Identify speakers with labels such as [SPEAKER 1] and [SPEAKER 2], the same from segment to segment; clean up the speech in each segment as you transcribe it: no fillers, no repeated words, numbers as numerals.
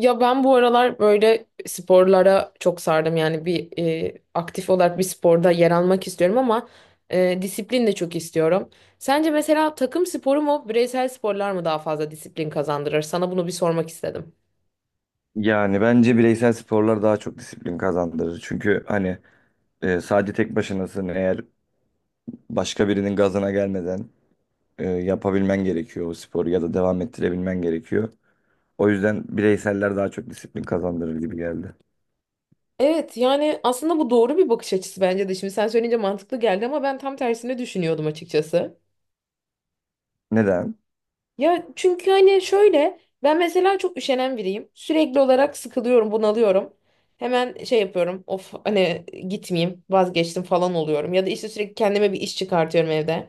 [SPEAKER 1] Ya ben bu aralar böyle sporlara çok sardım. Yani bir aktif olarak bir sporda yer almak istiyorum ama disiplin de çok istiyorum. Sence mesela takım sporu mu, bireysel sporlar mı daha fazla disiplin kazandırır? Sana bunu bir sormak istedim.
[SPEAKER 2] Yani bence bireysel sporlar daha çok disiplin kazandırır. Çünkü hani sadece tek başınasın. Eğer başka birinin gazına gelmeden yapabilmen gerekiyor o sporu ya da devam ettirebilmen gerekiyor. O yüzden bireyseller daha çok disiplin kazandırır gibi geldi.
[SPEAKER 1] Evet, yani aslında bu doğru bir bakış açısı bence de. Şimdi sen söyleyince mantıklı geldi ama ben tam tersini düşünüyordum açıkçası.
[SPEAKER 2] Neden?
[SPEAKER 1] Ya çünkü hani şöyle ben mesela çok üşenen biriyim. Sürekli olarak sıkılıyorum, bunalıyorum. Hemen şey yapıyorum. Of hani gitmeyeyim, vazgeçtim falan oluyorum. Ya da işte sürekli kendime bir iş çıkartıyorum evde.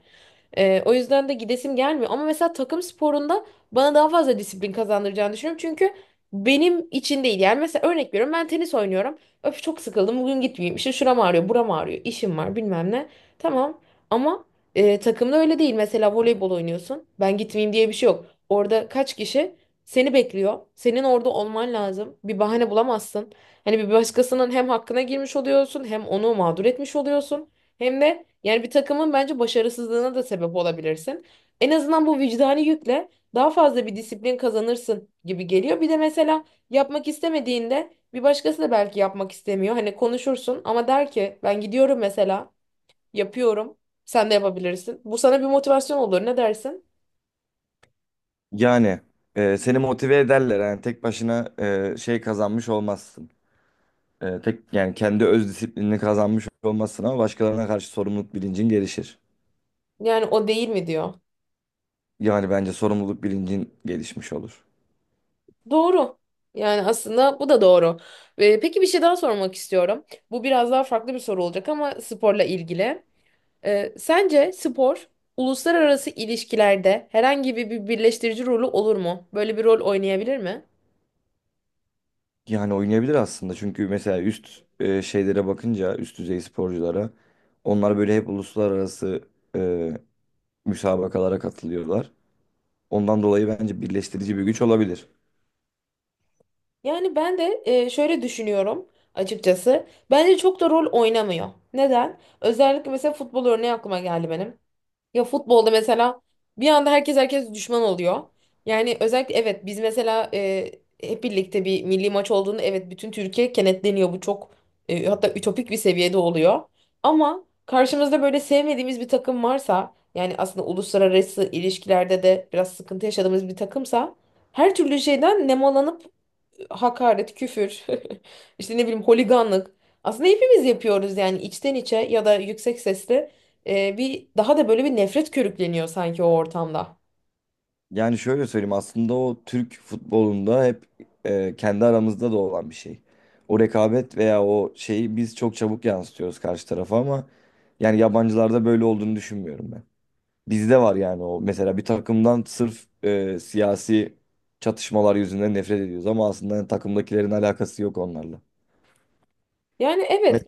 [SPEAKER 1] O yüzden de gidesim gelmiyor. Ama mesela takım sporunda bana daha fazla disiplin kazandıracağını düşünüyorum. Çünkü benim için değil. Yani mesela örnek veriyorum, ben tenis oynuyorum. Öf, çok sıkıldım bugün, gitmeyeyim. İşte şuram ağrıyor, buram ağrıyor, işim var, bilmem ne. Tamam ama takımda öyle değil. Mesela voleybol oynuyorsun. Ben gitmeyeyim diye bir şey yok. Orada kaç kişi seni bekliyor. Senin orada olman lazım. Bir bahane bulamazsın. Hani bir başkasının hem hakkına girmiş oluyorsun, hem onu mağdur etmiş oluyorsun. Hem de yani bir takımın bence başarısızlığına da sebep olabilirsin. En azından bu vicdani yükle daha fazla bir disiplin kazanırsın gibi geliyor. Bir de mesela yapmak istemediğinde bir başkası da belki yapmak istemiyor. Hani konuşursun ama der ki ben gidiyorum mesela, yapıyorum. Sen de yapabilirsin. Bu sana bir motivasyon olur. Ne dersin?
[SPEAKER 2] Yani seni motive ederler. Yani tek başına şey kazanmış olmazsın. Tek yani kendi öz disiplinini kazanmış olmazsın ama başkalarına karşı sorumluluk bilincin gelişir.
[SPEAKER 1] Yani o değil mi diyor.
[SPEAKER 2] Yani bence sorumluluk bilincin gelişmiş olur.
[SPEAKER 1] Doğru. Yani aslında bu da doğru. Peki, bir şey daha sormak istiyorum. Bu biraz daha farklı bir soru olacak ama sporla ilgili. Sence spor uluslararası ilişkilerde herhangi bir birleştirici rolü olur mu? Böyle bir rol oynayabilir mi?
[SPEAKER 2] Yani oynayabilir aslında çünkü mesela üst şeylere bakınca üst düzey sporculara onlar böyle hep uluslararası e, müsabakalara katılıyorlar. Ondan dolayı bence birleştirici bir güç olabilir.
[SPEAKER 1] Yani ben de şöyle düşünüyorum açıkçası. Bence çok da rol oynamıyor. Neden? Özellikle mesela futbol örneği aklıma geldi benim. Ya futbolda mesela bir anda herkes düşman oluyor. Yani özellikle evet, biz mesela hep birlikte bir milli maç olduğunda evet, bütün Türkiye kenetleniyor. Bu çok hatta ütopik bir seviyede oluyor. Ama karşımızda böyle sevmediğimiz bir takım varsa, yani aslında uluslararası ilişkilerde de biraz sıkıntı yaşadığımız bir takımsa, her türlü şeyden nemalanıp hakaret, küfür, işte ne bileyim, holiganlık. Aslında hepimiz yapıyoruz yani, içten içe ya da yüksek sesle bir daha da böyle bir nefret körükleniyor sanki o ortamda.
[SPEAKER 2] Yani şöyle söyleyeyim, aslında o Türk futbolunda hep kendi aramızda da olan bir şey. O rekabet veya o şeyi biz çok çabuk yansıtıyoruz karşı tarafa, ama yani yabancılarda böyle olduğunu düşünmüyorum ben. Bizde var yani o, mesela bir takımdan sırf siyasi çatışmalar yüzünden nefret ediyoruz, ama aslında takımdakilerin alakası yok onlarla.
[SPEAKER 1] Yani
[SPEAKER 2] Me-
[SPEAKER 1] evet.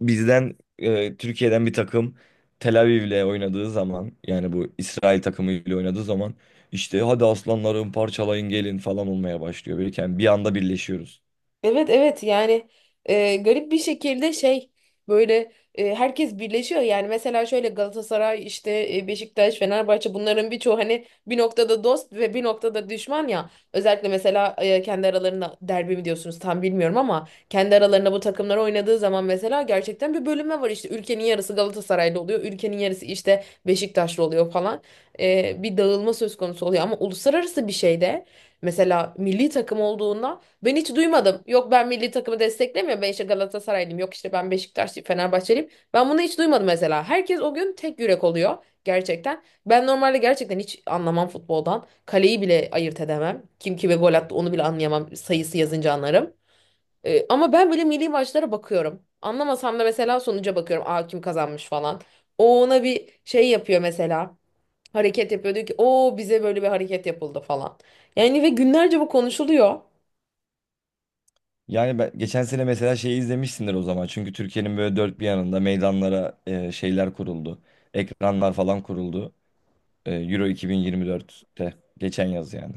[SPEAKER 2] Bizden Türkiye'den bir takım Tel Aviv'le oynadığı zaman, yani bu İsrail takımıyla oynadığı zaman, işte hadi aslanlarım parçalayın gelin falan olmaya başlıyor. Birken bir anda birleşiyoruz.
[SPEAKER 1] Evet, evet, yani garip bir şekilde şey, böyle herkes birleşiyor. Yani mesela şöyle, Galatasaray işte Beşiktaş, Fenerbahçe, bunların birçoğu hani bir noktada dost ve bir noktada düşman ya. Özellikle mesela kendi aralarında derbi mi diyorsunuz, tam bilmiyorum, ama kendi aralarında bu takımlar oynadığı zaman mesela gerçekten bir bölünme var. İşte ülkenin yarısı Galatasaraylı oluyor, ülkenin yarısı işte Beşiktaşlı oluyor falan. Bir dağılma söz konusu oluyor ama uluslararası bir şeyde, mesela milli takım olduğunda, ben hiç duymadım. Yok, ben milli takımı desteklemiyorum. Ben işte Galatasaraylıyım. Yok, işte ben Beşiktaşlıyım, Fenerbahçeliyim. Ben bunu hiç duymadım mesela. Herkes o gün tek yürek oluyor gerçekten. Ben normalde gerçekten hiç anlamam futboldan. Kaleyi bile ayırt edemem. Kim kime gol attı onu bile anlayamam. Sayısı yazınca anlarım. Ama ben böyle milli maçlara bakıyorum. Anlamasam da mesela sonuca bakıyorum. Aa, kim kazanmış falan. O ona bir şey yapıyor mesela. Hareket yapıyor, diyor ki o bize böyle bir hareket yapıldı falan. Yani ve günlerce bu konuşuluyor.
[SPEAKER 2] Yani ben geçen sene mesela şeyi izlemişsindir o zaman. Çünkü Türkiye'nin böyle dört bir yanında meydanlara şeyler kuruldu. Ekranlar falan kuruldu. Euro 2024'te. Geçen yaz yani.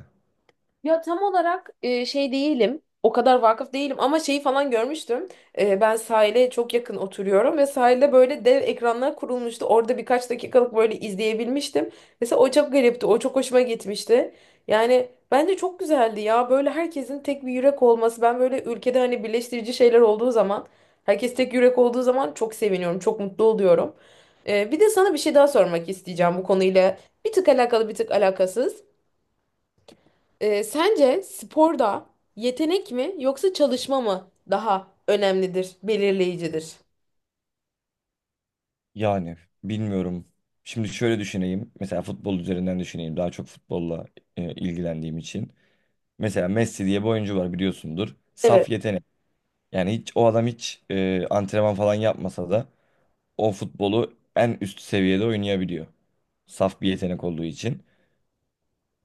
[SPEAKER 1] Ya tam olarak şey değilim. O kadar vakıf değilim ama şeyi falan görmüştüm. Ben sahile çok yakın oturuyorum ve sahilde böyle dev ekranlar kurulmuştu. Orada birkaç dakikalık böyle izleyebilmiştim. Mesela o çok garipti. O çok hoşuma gitmişti. Yani bence çok güzeldi ya. Böyle herkesin tek bir yürek olması. Ben böyle ülkede hani birleştirici şeyler olduğu zaman, herkes tek yürek olduğu zaman çok seviniyorum, çok mutlu oluyorum. Bir de sana bir şey daha sormak isteyeceğim bu konuyla. Bir tık alakalı, bir tık alakasız. Sence sporda yetenek mi yoksa çalışma mı daha önemlidir, belirleyicidir?
[SPEAKER 2] Yani bilmiyorum. Şimdi şöyle düşüneyim. Mesela futbol üzerinden düşüneyim. Daha çok futbolla ilgilendiğim için. Mesela Messi diye bir oyuncu var, biliyorsundur.
[SPEAKER 1] Evet.
[SPEAKER 2] Saf yetenek. Yani hiç o adam hiç antrenman falan yapmasa da o futbolu en üst seviyede oynayabiliyor. Saf bir yetenek olduğu için.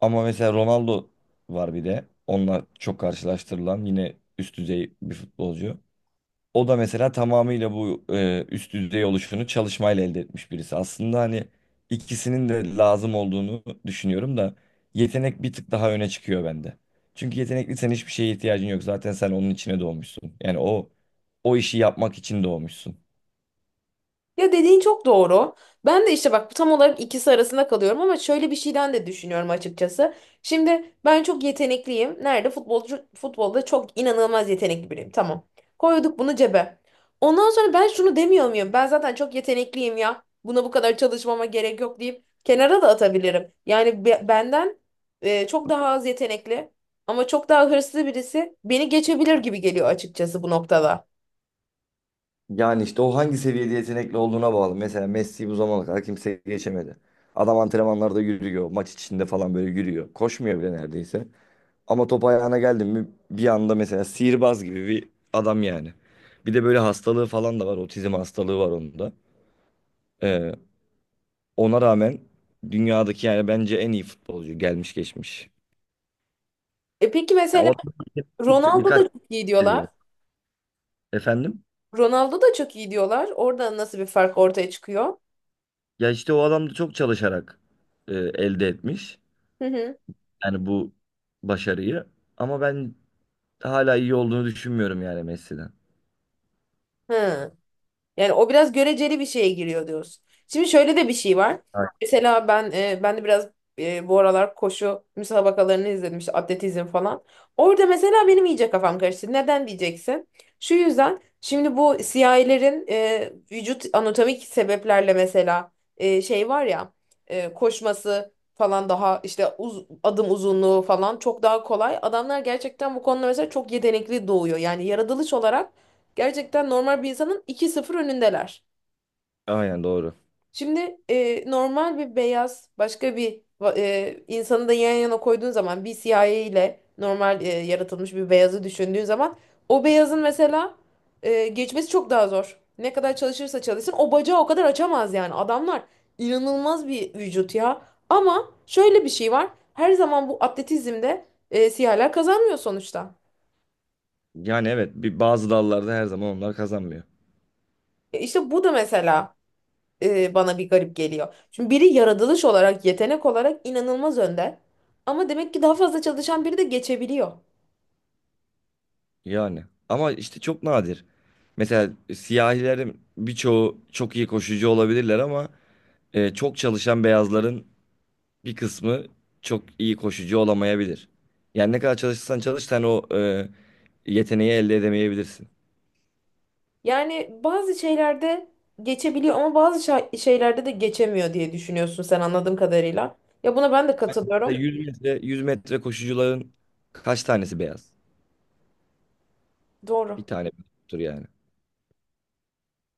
[SPEAKER 2] Ama mesela Ronaldo var bir de. Onunla çok karşılaştırılan yine üst düzey bir futbolcu. O da mesela tamamıyla bu üst düzey oluşunu çalışmayla elde etmiş birisi. Aslında hani ikisinin de lazım olduğunu düşünüyorum da yetenek bir tık daha öne çıkıyor bende. Çünkü yetenekliysen hiçbir şeye ihtiyacın yok. Zaten sen onun içine doğmuşsun. Yani o işi yapmak için doğmuşsun.
[SPEAKER 1] Ya dediğin çok doğru. Ben de işte bak tam olarak ikisi arasında kalıyorum ama şöyle bir şeyden de düşünüyorum açıkçası. Şimdi ben çok yetenekliyim. Nerede? Futbolcu, futbolda çok inanılmaz yetenekli biriyim. Tamam. Koyduk bunu cebe. Ondan sonra ben şunu demiyor muyum? Ben zaten çok yetenekliyim ya. Buna bu kadar çalışmama gerek yok deyip kenara da atabilirim. Yani benden çok daha az yetenekli. Ama çok daha hırslı birisi beni geçebilir gibi geliyor açıkçası bu noktada.
[SPEAKER 2] Yani işte o hangi seviyede yetenekli olduğuna bağlı. Mesela Messi bu zamana kadar kimse geçemedi. Adam antrenmanlarda yürüyor, maç içinde falan böyle yürüyor. Koşmuyor bile neredeyse. Ama top ayağına geldi mi bir anda mesela sihirbaz gibi bir adam yani. Bir de böyle hastalığı falan da var. Otizm hastalığı var onun da. Ee, Ona rağmen dünyadaki yani bence en iyi futbolcu gelmiş geçmiş.
[SPEAKER 1] E peki
[SPEAKER 2] Ya o
[SPEAKER 1] mesela
[SPEAKER 2] adam
[SPEAKER 1] Ronaldo
[SPEAKER 2] birkaç
[SPEAKER 1] da çok iyi
[SPEAKER 2] seviye.
[SPEAKER 1] diyorlar.
[SPEAKER 2] Efendim?
[SPEAKER 1] Ronaldo da çok iyi diyorlar. Orada nasıl bir fark ortaya çıkıyor?
[SPEAKER 2] Ya işte o adam da çok çalışarak elde etmiş.
[SPEAKER 1] Hı hı.
[SPEAKER 2] Yani bu başarıyı. Ama ben hala iyi olduğunu düşünmüyorum yani Messi'den.
[SPEAKER 1] Hı. Yani o biraz göreceli bir şeye giriyor diyoruz. Şimdi şöyle de bir şey var.
[SPEAKER 2] A-
[SPEAKER 1] Mesela ben de biraz bu aralar koşu müsabakalarını izledim, işte atletizm falan. Orada mesela benim iyice kafam karıştı. Neden diyeceksin? Şu yüzden, şimdi bu siyahilerin vücut anatomik sebeplerle, mesela şey var ya, koşması falan daha işte adım uzunluğu falan çok daha kolay. Adamlar gerçekten bu konuda mesela çok yetenekli doğuyor. Yani yaratılış olarak gerçekten normal bir insanın 2-0 önündeler.
[SPEAKER 2] Aynen doğru.
[SPEAKER 1] Şimdi normal bir beyaz, başka bir insanı da yan yana koyduğun zaman, bir siyahi ile normal yaratılmış bir beyazı düşündüğün zaman, o beyazın mesela geçmesi çok daha zor. Ne kadar çalışırsa çalışsın o bacağı o kadar açamaz yani. Adamlar inanılmaz bir vücut ya. Ama şöyle bir şey var. Her zaman bu atletizmde siyahiler kazanmıyor sonuçta.
[SPEAKER 2] Yani evet bir bazı dallarda her zaman onlar kazanmıyor.
[SPEAKER 1] İşte bu da mesela bana bir garip geliyor. Çünkü biri yaratılış olarak, yetenek olarak inanılmaz önde. Ama demek ki daha fazla çalışan biri de geçebiliyor.
[SPEAKER 2] Yani ama işte çok nadir. Mesela siyahilerin birçoğu çok iyi koşucu olabilirler ama çok çalışan beyazların bir kısmı çok iyi koşucu olamayabilir. Yani ne kadar çalışırsan çalış, sen o yeteneği elde edemeyebilirsin.
[SPEAKER 1] Yani bazı şeylerde geçebiliyor ama bazı şeylerde de geçemiyor diye düşünüyorsun sen, anladığım kadarıyla. Ya buna ben de
[SPEAKER 2] Mesela
[SPEAKER 1] katılıyorum.
[SPEAKER 2] 100 metre koşucuların kaç tanesi beyaz? Bir
[SPEAKER 1] Doğru.
[SPEAKER 2] tane tur yani.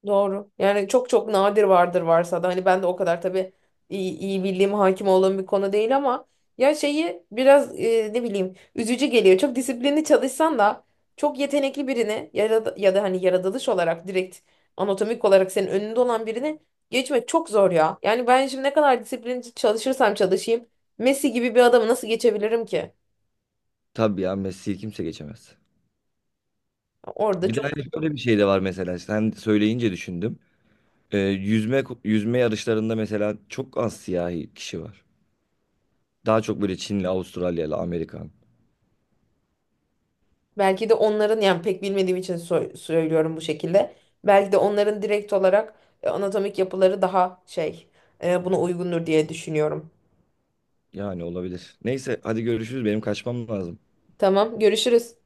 [SPEAKER 1] Doğru. Yani çok çok nadir vardır, varsa da hani ben de o kadar tabii iyi bildiğim, hakim olduğum bir konu değil ama ya şeyi biraz ne bileyim üzücü geliyor. Çok disiplinli çalışsan da çok yetenekli birini ya da hani yaratılış olarak direkt anatomik olarak senin önünde olan birini geçmek çok zor ya. Yani ben şimdi ne kadar disiplinli çalışırsam çalışayım Messi gibi bir adamı nasıl geçebilirim ki?
[SPEAKER 2] Tabii ya, Messi'yi kimse geçemez.
[SPEAKER 1] Orada
[SPEAKER 2] Bir de
[SPEAKER 1] çok.
[SPEAKER 2] hani şöyle bir şey de var, mesela sen söyleyince düşündüm. Yüzme yarışlarında mesela çok az siyahi kişi var. Daha çok böyle Çinli, Avustralyalı, Amerikan.
[SPEAKER 1] Belki de onların, yani pek bilmediğim için söylüyorum bu şekilde. Belki de onların direkt olarak anatomik yapıları daha şey, buna uygundur diye düşünüyorum.
[SPEAKER 2] Yani olabilir. Neyse hadi görüşürüz. Benim kaçmam lazım.
[SPEAKER 1] Tamam, görüşürüz.